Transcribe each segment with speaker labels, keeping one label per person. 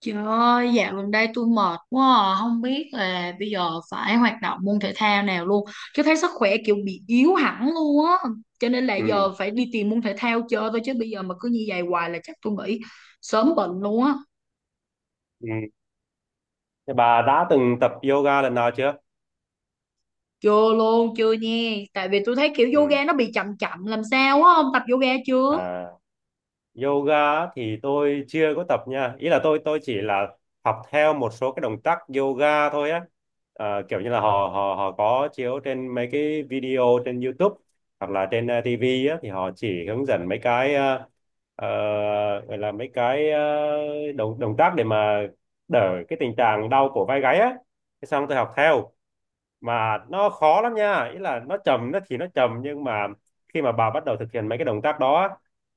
Speaker 1: Trời ơi, dạo gần đây tôi mệt quá à. Không biết là bây giờ phải hoạt động môn thể thao nào luôn. Chứ thấy sức khỏe kiểu bị yếu hẳn luôn á. Cho nên là
Speaker 2: Ừ.
Speaker 1: giờ phải đi tìm môn thể thao chơi thôi. Chứ bây giờ mà cứ như vậy hoài là chắc tôi nghĩ sớm bệnh luôn á.
Speaker 2: Ừ. Thế bà đã từng tập yoga lần nào chưa?
Speaker 1: Chưa luôn, chưa nha. Tại vì tôi thấy kiểu
Speaker 2: Ừ.
Speaker 1: yoga nó bị chậm chậm làm sao á. Ông tập yoga chưa?
Speaker 2: À, yoga á thì tôi chưa có tập nha. Ý là tôi chỉ là học theo một số cái động tác yoga thôi á. À, kiểu như là họ họ họ có chiếu trên mấy cái video trên YouTube hoặc là trên TV á thì họ chỉ hướng dẫn mấy cái ờ, gọi là mấy cái động động tác để mà đỡ cái tình trạng đau cổ vai gáy á. Thế xong tôi học theo. Mà nó khó lắm nha, ý là nó thì nó trầm nhưng mà khi mà bà bắt đầu thực hiện mấy cái động tác đó á,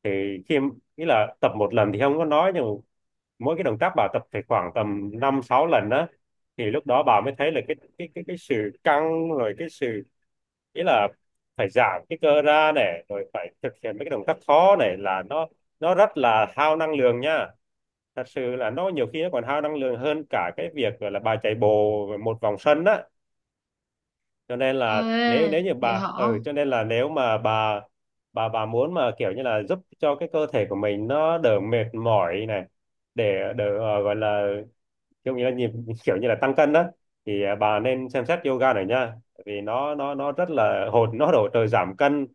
Speaker 2: thì khi ý là tập một lần thì không có nói, nhưng mỗi cái động tác bà tập phải khoảng tầm 5 6 lần đó thì lúc đó bà mới thấy là cái sự căng, rồi cái sự, ý là phải giãn cái cơ ra này, rồi phải thực hiện mấy cái động tác khó này, là nó rất là hao năng lượng nha. Thật sự là nó nhiều khi nó còn hao năng lượng hơn cả cái việc gọi là bà chạy bộ một vòng sân á, cho nên là nếu
Speaker 1: Ê,
Speaker 2: nếu như
Speaker 1: vậy
Speaker 2: bà,
Speaker 1: hả?
Speaker 2: ừ, cho nên là nếu mà bà muốn mà kiểu như là giúp cho cái cơ thể của mình nó đỡ mệt mỏi này, để đỡ gọi là kiểu như là nhịp kiểu như là tăng cân đó, thì bà nên xem xét yoga này nha, vì nó rất là nó hỗ trợ giảm cân,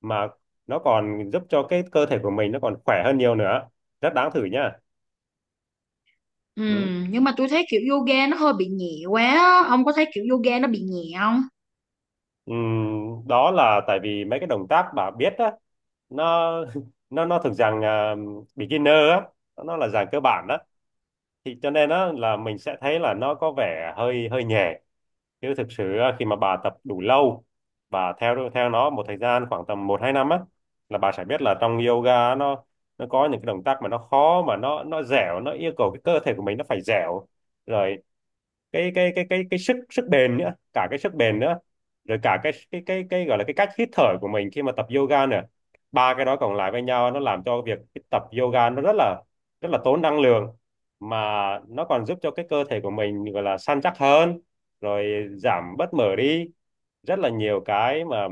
Speaker 2: mà nó còn giúp cho cái cơ thể của mình nó còn khỏe hơn nhiều nữa, rất đáng thử nha.
Speaker 1: Ừ,
Speaker 2: Ừ.
Speaker 1: nhưng mà tôi thấy kiểu yoga nó hơi bị nhẹ quá á. Ông có thấy kiểu yoga nó bị nhẹ không?
Speaker 2: Đó là tại vì mấy cái động tác bà biết á, nó nó thuộc dạng beginner á, nó là dạng cơ bản đó, thì cho nên á là mình sẽ thấy là nó có vẻ hơi hơi nhẹ, chứ thực sự á, khi mà bà tập đủ lâu và theo theo nó một thời gian khoảng tầm 1 2 năm á, là bà sẽ biết là trong yoga á, nó có những cái động tác mà nó khó, mà nó dẻo, nó yêu cầu cái cơ thể của mình nó phải dẻo, rồi cái sức sức bền nữa, cả cái sức bền nữa, rồi cả cái gọi là cái cách hít thở của mình khi mà tập yoga nữa, ba cái đó cộng lại với nhau nó làm cho việc tập yoga nó rất là tốn năng lượng, mà nó còn giúp cho cái cơ thể của mình gọi là săn chắc hơn, rồi giảm bớt mỡ đi, rất là nhiều cái mà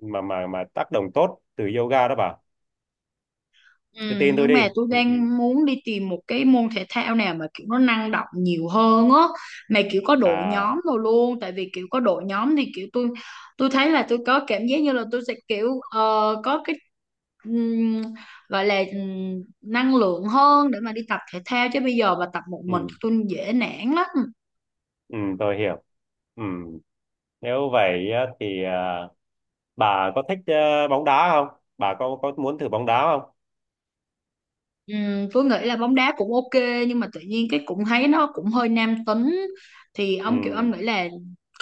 Speaker 2: mà mà mà tác động tốt từ yoga đó bà,
Speaker 1: Ừ,
Speaker 2: cứ tin tôi
Speaker 1: nhưng
Speaker 2: đi.
Speaker 1: mà tôi
Speaker 2: Ừ, ừ.
Speaker 1: đang muốn đi tìm một cái môn thể thao nào mà kiểu nó năng động nhiều hơn á, mà kiểu có đội
Speaker 2: À,
Speaker 1: nhóm rồi luôn. Tại vì kiểu có đội nhóm thì kiểu tôi thấy là tôi có cảm giác như là tôi sẽ kiểu có cái ừm, gọi là năng lượng hơn để mà đi tập thể thao, chứ bây giờ mà tập một mình
Speaker 2: ừ,
Speaker 1: tôi dễ nản lắm.
Speaker 2: ừ, tôi hiểu. Ừ. Nếu vậy á, thì bà có thích bóng đá không? Bà có muốn thử bóng đá không?
Speaker 1: Phương nghĩ là bóng đá cũng ok, nhưng mà tự nhiên cái cũng thấy nó cũng hơi nam tính. Thì
Speaker 2: Ừ.
Speaker 1: ông kiểu ông nghĩ là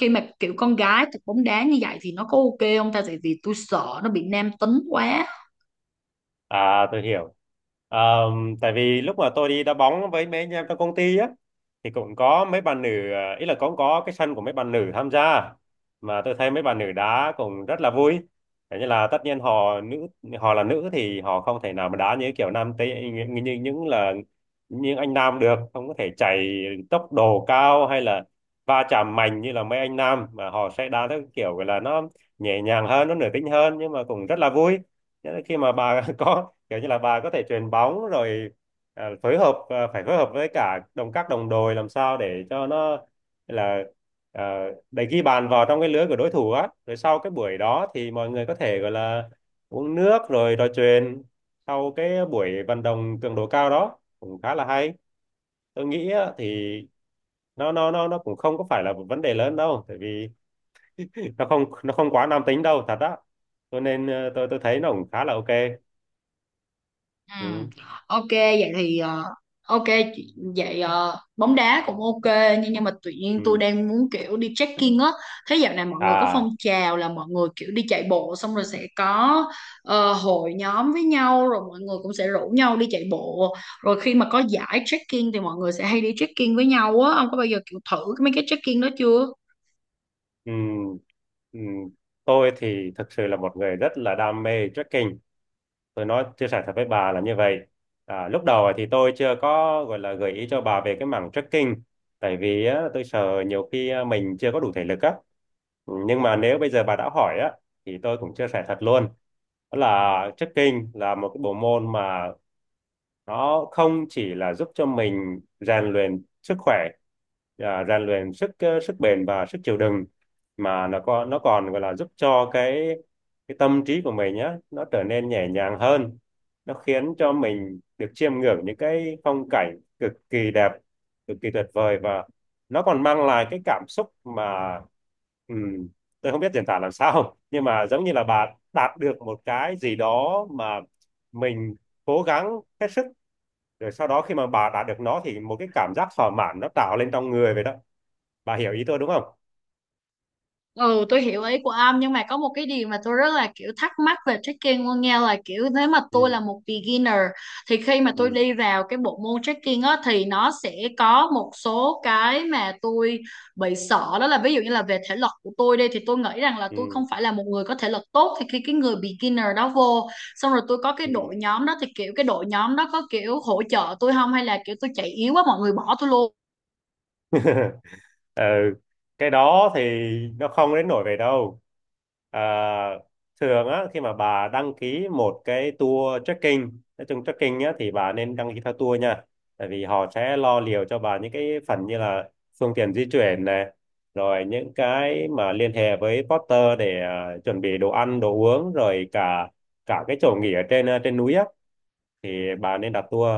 Speaker 1: khi mà kiểu con gái tập bóng đá như vậy thì nó có ok không ta, tại vì tôi sợ nó bị nam tính quá.
Speaker 2: À, tôi hiểu. Tại vì lúc mà tôi đi đá bóng với mấy anh em trong công ty á, thì cũng có mấy bạn nữ, ý là cũng có cái sân của mấy bạn nữ tham gia, mà tôi thấy mấy bạn nữ đá cũng rất là vui. Thế như là tất nhiên họ là nữ, thì họ không thể nào mà đá như kiểu nam tây như những anh nam được, không có thể chạy tốc độ cao hay là va chạm mạnh như là mấy anh nam, mà họ sẽ đá theo kiểu gọi là nó nhẹ nhàng hơn, nó nữ tính hơn, nhưng mà cũng rất là vui. Nghĩa là khi mà bà có kiểu như là bà có thể chuyền bóng rồi, phải phối hợp với cả các đồng đội làm sao để cho nó là à, để ghi bàn vào trong cái lưới của đối thủ á, rồi sau cái buổi đó thì mọi người có thể gọi là uống nước rồi trò chuyện sau cái buổi vận động cường độ cao đó, cũng khá là hay. Tôi nghĩ á, thì nó cũng không có phải là một vấn đề lớn đâu, tại vì nó không quá nam tính đâu thật á, cho nên tôi thấy nó cũng khá là ok.
Speaker 1: Ừ.
Speaker 2: Ừ.
Speaker 1: Ok vậy thì ok, vậy bóng đá cũng ok, nhưng mà tự nhiên tôi
Speaker 2: Ừ.
Speaker 1: đang muốn kiểu đi trekking á. Thế dạo này mọi người có phong
Speaker 2: À,
Speaker 1: trào là mọi người kiểu đi chạy bộ xong rồi sẽ có hội nhóm với nhau, rồi mọi người cũng sẽ rủ nhau đi chạy bộ, rồi khi mà có giải trekking thì mọi người sẽ hay đi trekking với nhau á. Ông có bao giờ kiểu thử mấy cái trekking đó chưa?
Speaker 2: ừm, ừm, tôi thì thực sự là một người rất là đam mê trekking. Tôi chia sẻ thật với bà là như vậy. À, lúc đầu thì tôi chưa có gọi là gợi ý cho bà về cái mảng trekking, tại vì á, tôi sợ nhiều khi á, mình chưa có đủ thể lực á. Ừ, nhưng mà nếu bây giờ bà đã hỏi á, thì tôi cũng chia sẻ thật luôn. Đó là trekking là một cái bộ môn mà nó không chỉ là giúp cho mình rèn luyện sức khỏe, rèn luyện sức bền và sức chịu đựng, mà nó còn gọi là giúp cho cái tâm trí của mình nhá, nó trở nên nhẹ nhàng hơn, nó khiến cho mình được chiêm ngưỡng những cái phong cảnh cực kỳ đẹp, cực kỳ tuyệt vời, và nó còn mang lại cái cảm xúc mà, ừm, tôi không biết diễn tả làm sao, nhưng mà giống như là bà đạt được một cái gì đó mà mình cố gắng hết sức, rồi sau đó khi mà bà đạt được nó thì một cái cảm giác thỏa mãn nó tạo lên trong người vậy đó. Bà hiểu ý tôi đúng không?
Speaker 1: Ừ, tôi hiểu ý của ông, nhưng mà có một cái điều mà tôi rất là kiểu thắc mắc về trekking luôn nha, là kiểu nếu mà
Speaker 2: Ừ,
Speaker 1: tôi là một beginner thì khi mà tôi
Speaker 2: ừ,
Speaker 1: đi vào cái bộ môn trekking á thì nó sẽ có một số cái mà tôi bị sợ. Đó là ví dụ như là về thể lực của tôi đi, thì tôi nghĩ rằng là tôi không
Speaker 2: ừ,
Speaker 1: phải là một người có thể lực tốt, thì khi cái người beginner đó vô xong rồi tôi có cái
Speaker 2: ừ.
Speaker 1: đội nhóm đó, thì kiểu cái đội nhóm đó có kiểu hỗ trợ tôi không, hay là kiểu tôi chạy yếu quá mọi người bỏ tôi luôn.
Speaker 2: Ừ, cái đó thì nó không đến nổi về đâu. à, Thường á, khi mà bà đăng ký một cái tour trekking, nói chung trekking á thì bà nên đăng ký theo tour nha, tại vì họ sẽ lo liệu cho bà những cái phần như là phương tiện di chuyển này, rồi những cái mà liên hệ với porter để chuẩn bị đồ ăn đồ uống, rồi cả cả cái chỗ nghỉ ở trên, trên núi á, thì bà nên đặt tour.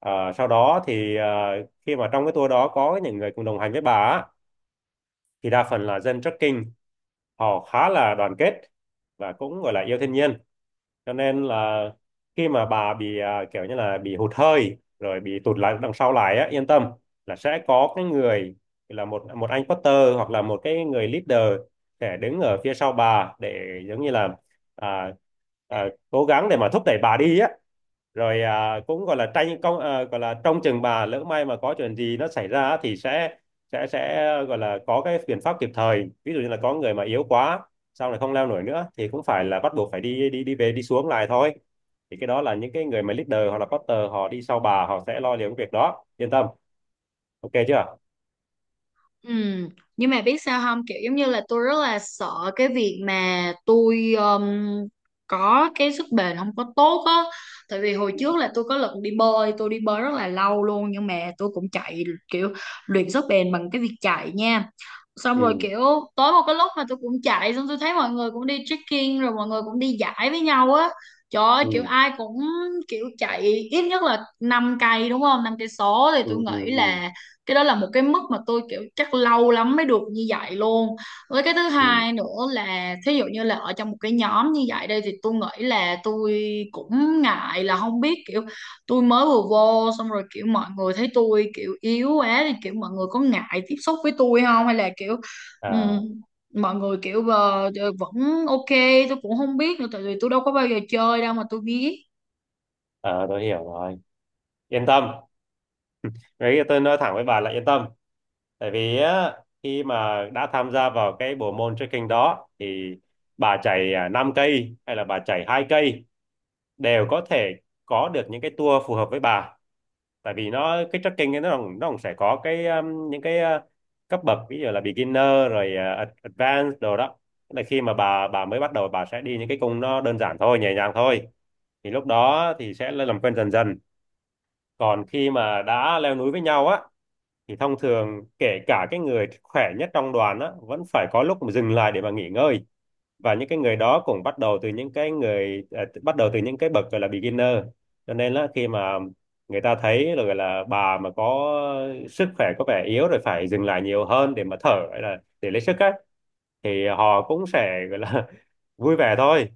Speaker 2: À, sau đó thì khi mà trong cái tour đó có những người cùng đồng hành với bà á, thì đa phần là dân trekking, họ khá là đoàn kết và cũng gọi là yêu thiên nhiên, cho nên là khi mà bà bị kiểu như là bị hụt hơi rồi bị tụt lại đằng sau lại á, yên tâm là sẽ có cái người, là một một anh porter hoặc là một cái người leader sẽ đứng ở phía sau bà để giống như là à, cố gắng để mà thúc đẩy bà đi á, rồi cũng gọi là tranh công, gọi là trong chừng bà lỡ may mà có chuyện gì nó xảy ra thì sẽ gọi là có cái biện pháp kịp thời, ví dụ như là có người mà yếu quá sau này không leo nổi nữa thì cũng phải là bắt buộc phải đi đi đi về đi xuống lại thôi, thì cái đó là những cái người mà leader hoặc là porter họ đi sau bà, họ sẽ lo liệu cái việc đó, yên tâm. Ok chưa?
Speaker 1: Ừ, nhưng mà biết sao không, kiểu giống như là tôi rất là sợ cái việc mà tôi có cái sức bền không có tốt á. Tại vì hồi trước là tôi có lần đi bơi, tôi đi bơi rất là lâu luôn, nhưng mà tôi cũng chạy kiểu luyện sức bền bằng cái việc chạy nha. Xong rồi
Speaker 2: Ừ,
Speaker 1: kiểu tối một cái lúc mà tôi cũng chạy xong tôi thấy mọi người cũng đi trekking, rồi mọi người cũng đi dãi với nhau á, trời ơi kiểu
Speaker 2: ừ,
Speaker 1: ai cũng kiểu chạy ít nhất là 5 cây đúng không, 5 cây số, thì
Speaker 2: ừ,
Speaker 1: tôi
Speaker 2: ừ,
Speaker 1: nghĩ
Speaker 2: ừ,
Speaker 1: là cái đó là một cái mức mà tôi kiểu chắc lâu lắm mới được như vậy luôn. Với cái thứ
Speaker 2: ừ.
Speaker 1: hai nữa là thí dụ như là ở trong một cái nhóm như vậy đây thì tôi nghĩ là tôi cũng ngại, là không biết kiểu tôi mới vừa vô xong rồi kiểu mọi người thấy tôi kiểu yếu quá thì kiểu mọi người có ngại tiếp xúc với tôi không, hay là kiểu ừm,
Speaker 2: à,
Speaker 1: mọi người kiểu vẫn ok. Tôi cũng không biết nữa tại vì tôi đâu có bao giờ chơi đâu mà tôi biết.
Speaker 2: à, tôi hiểu rồi, yên tâm. Đấy tôi nói thẳng với bà là yên tâm. Tại vì á, khi mà đã tham gia vào cái bộ môn trekking đó, thì bà chạy 5 cây hay là bà chạy 2 cây đều có thể có được những cái tour phù hợp với bà. Tại vì cái trekking ấy nó cũng sẽ có cái những cái cấp bậc, ví dụ là beginner rồi advanced đồ đó. Tức là khi mà bà mới bắt đầu bà sẽ đi những cái cung nó đơn giản thôi, nhẹ nhàng thôi. Thì lúc đó thì sẽ làm quen dần dần. Còn khi mà đã leo núi với nhau á thì thông thường kể cả cái người khỏe nhất trong đoàn á vẫn phải có lúc mà dừng lại để mà nghỉ ngơi, và những cái người đó cũng bắt đầu từ những cái người bắt đầu từ những cái bậc gọi là beginner. Cho nên là khi mà người ta thấy là gọi là bà mà có sức khỏe có vẻ yếu rồi phải dừng lại nhiều hơn để mà thở hay là để lấy sức á thì họ cũng sẽ gọi là vui vẻ thôi.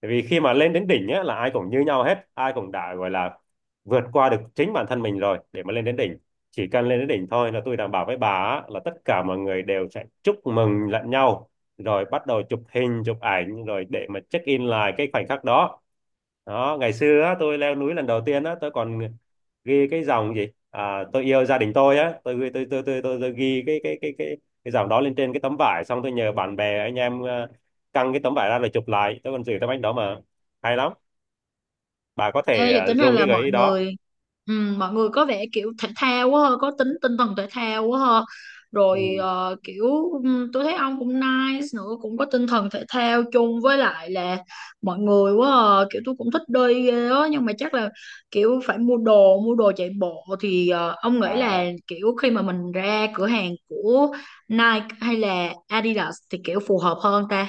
Speaker 2: Tại vì khi mà lên đến đỉnh á, là ai cũng như nhau hết, ai cũng đã gọi là vượt qua được chính bản thân mình rồi để mà lên đến đỉnh. Chỉ cần lên đến đỉnh thôi là tôi đảm bảo với bà á, là tất cả mọi người đều sẽ chúc mừng lẫn nhau, rồi bắt đầu chụp hình chụp ảnh rồi để mà check in lại cái khoảnh khắc đó. Đó, ngày xưa á, tôi leo núi lần đầu tiên á tôi còn ghi cái dòng gì tôi yêu gia đình tôi á, tôi ghi cái dòng đó lên trên cái tấm vải, xong tôi nhờ bạn bè anh em căng cái tấm vải ra rồi chụp lại. Tôi còn giữ tấm ảnh đó mà, hay lắm. Bà có
Speaker 1: Ê,
Speaker 2: thể
Speaker 1: vậy tính ra
Speaker 2: dùng
Speaker 1: là
Speaker 2: cái gợi ý đó.
Speaker 1: mọi người có vẻ kiểu thể thao quá ha, có tính tinh thần thể thao quá ha. Rồi
Speaker 2: Ừ.
Speaker 1: kiểu tôi thấy ông cũng nice nữa, cũng có tinh thần thể thao chung với lại là mọi người quá à. Kiểu tôi cũng thích đi ghê á, nhưng mà chắc là kiểu phải mua đồ chạy bộ, thì ông nghĩ là
Speaker 2: à
Speaker 1: kiểu khi mà mình ra cửa hàng của Nike hay là Adidas thì kiểu phù hợp hơn ta.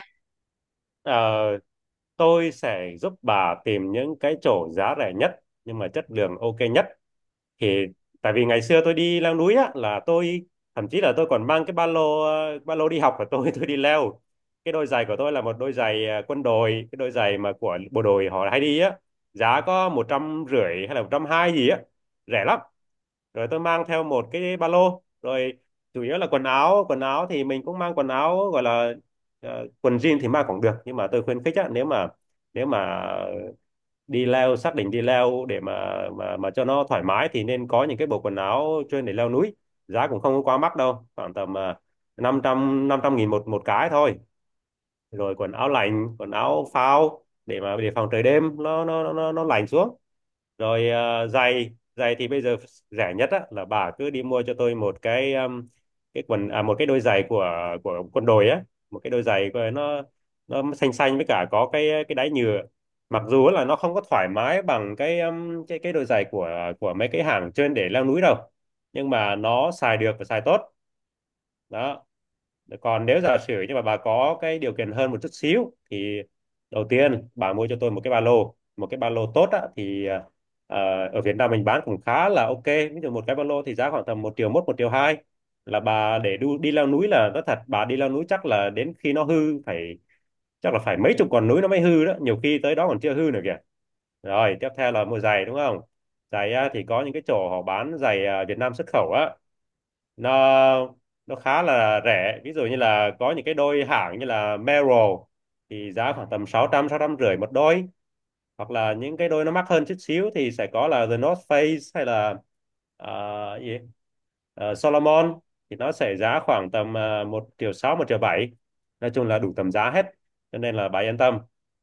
Speaker 2: ờ, tôi sẽ giúp bà tìm những cái chỗ giá rẻ nhất nhưng mà chất lượng ok nhất. Thì tại vì ngày xưa tôi đi leo núi á là tôi thậm chí là tôi còn mang cái ba lô, ba lô đi học của tôi tôi đi leo. Cái đôi giày của tôi là một đôi giày quân đội, cái đôi giày mà của bộ đội họ hay đi á, giá có một trăm rưỡi hay là một trăm hai gì á, rẻ lắm. Rồi tôi mang theo một cái ba lô, rồi chủ yếu là quần áo. Quần áo thì mình cũng mang quần áo gọi là quần jean thì mang cũng được, nhưng mà tôi khuyến khích á, nếu mà nếu mà đi leo, xác định đi leo để mà cho nó thoải mái thì nên có những cái bộ quần áo chuyên để leo núi. Giá cũng không có quá mắc đâu, khoảng tầm năm trăm nghìn một một cái thôi. Rồi quần áo lạnh, quần áo phao để mà để phòng trời đêm nó lạnh xuống. Rồi giày giày thì bây giờ rẻ nhất á, là bà cứ đi mua cho tôi một cái quần một cái đôi giày của quân đội á, một cái đôi giày của nó. Nó xanh xanh với cả có cái đáy nhựa. Mặc dù là nó không có thoải mái bằng cái cái đôi giày của mấy cái hàng trên để leo núi đâu, nhưng mà nó xài được và xài tốt. Đó. Còn nếu giả sử nhưng mà bà có cái điều kiện hơn một chút xíu thì đầu tiên bà mua cho tôi một cái ba lô, một cái ba lô tốt á, thì ở Việt Nam mình bán cũng khá là ok. Ví dụ một cái ba lô thì giá khoảng tầm một triệu mốt, một triệu hai là bà để đi leo núi, là nói thật bà đi leo núi chắc là đến khi nó hư. Phải, chắc là phải mấy chục con núi nó mới hư đó, nhiều khi tới đó còn chưa hư nữa kìa. Rồi tiếp theo là mua giày, đúng không? Giày á, thì có những cái chỗ họ bán giày Việt Nam xuất khẩu á, nó nó khá là rẻ. Ví dụ như là có những cái đôi hãng như là Merrell thì giá khoảng tầm sáu trăm rưỡi một đôi. Hoặc là những cái đôi nó mắc hơn chút xíu thì sẽ có là The North Face hay là ờ, gì Solomon, thì nó sẽ giá khoảng tầm 1 triệu sáu, một triệu 7. Nói chung là đủ tầm giá hết, cho nên là bà yên tâm.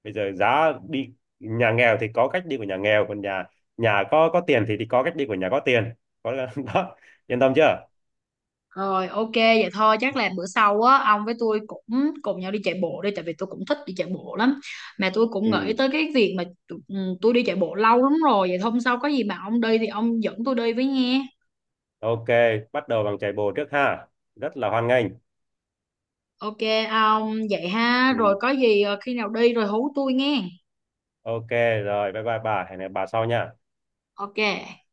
Speaker 2: Bây giờ giá đi, nhà nghèo thì có cách đi của nhà nghèo, còn nhà nhà có tiền thì có cách đi của nhà có tiền. Có đó, yên tâm chưa?
Speaker 1: Rồi ok vậy thôi, chắc là bữa sau á ông với tôi cũng cùng nhau đi chạy bộ đi, tại vì tôi cũng thích đi chạy bộ lắm, mà tôi cũng nghĩ
Speaker 2: Ừ.
Speaker 1: tới cái việc mà tôi đi chạy bộ lâu lắm rồi, vậy hôm sau có gì mà ông đi thì ông dẫn tôi đi với nghe.
Speaker 2: Ok, bắt đầu bằng chạy bộ trước ha. Rất là hoan nghênh.
Speaker 1: Ok ông vậy ha, rồi
Speaker 2: Ừ.
Speaker 1: có gì khi nào đi rồi hú tôi nghe.
Speaker 2: Ok, rồi, bye bye bà. Hẹn gặp bà sau nha.
Speaker 1: Ok.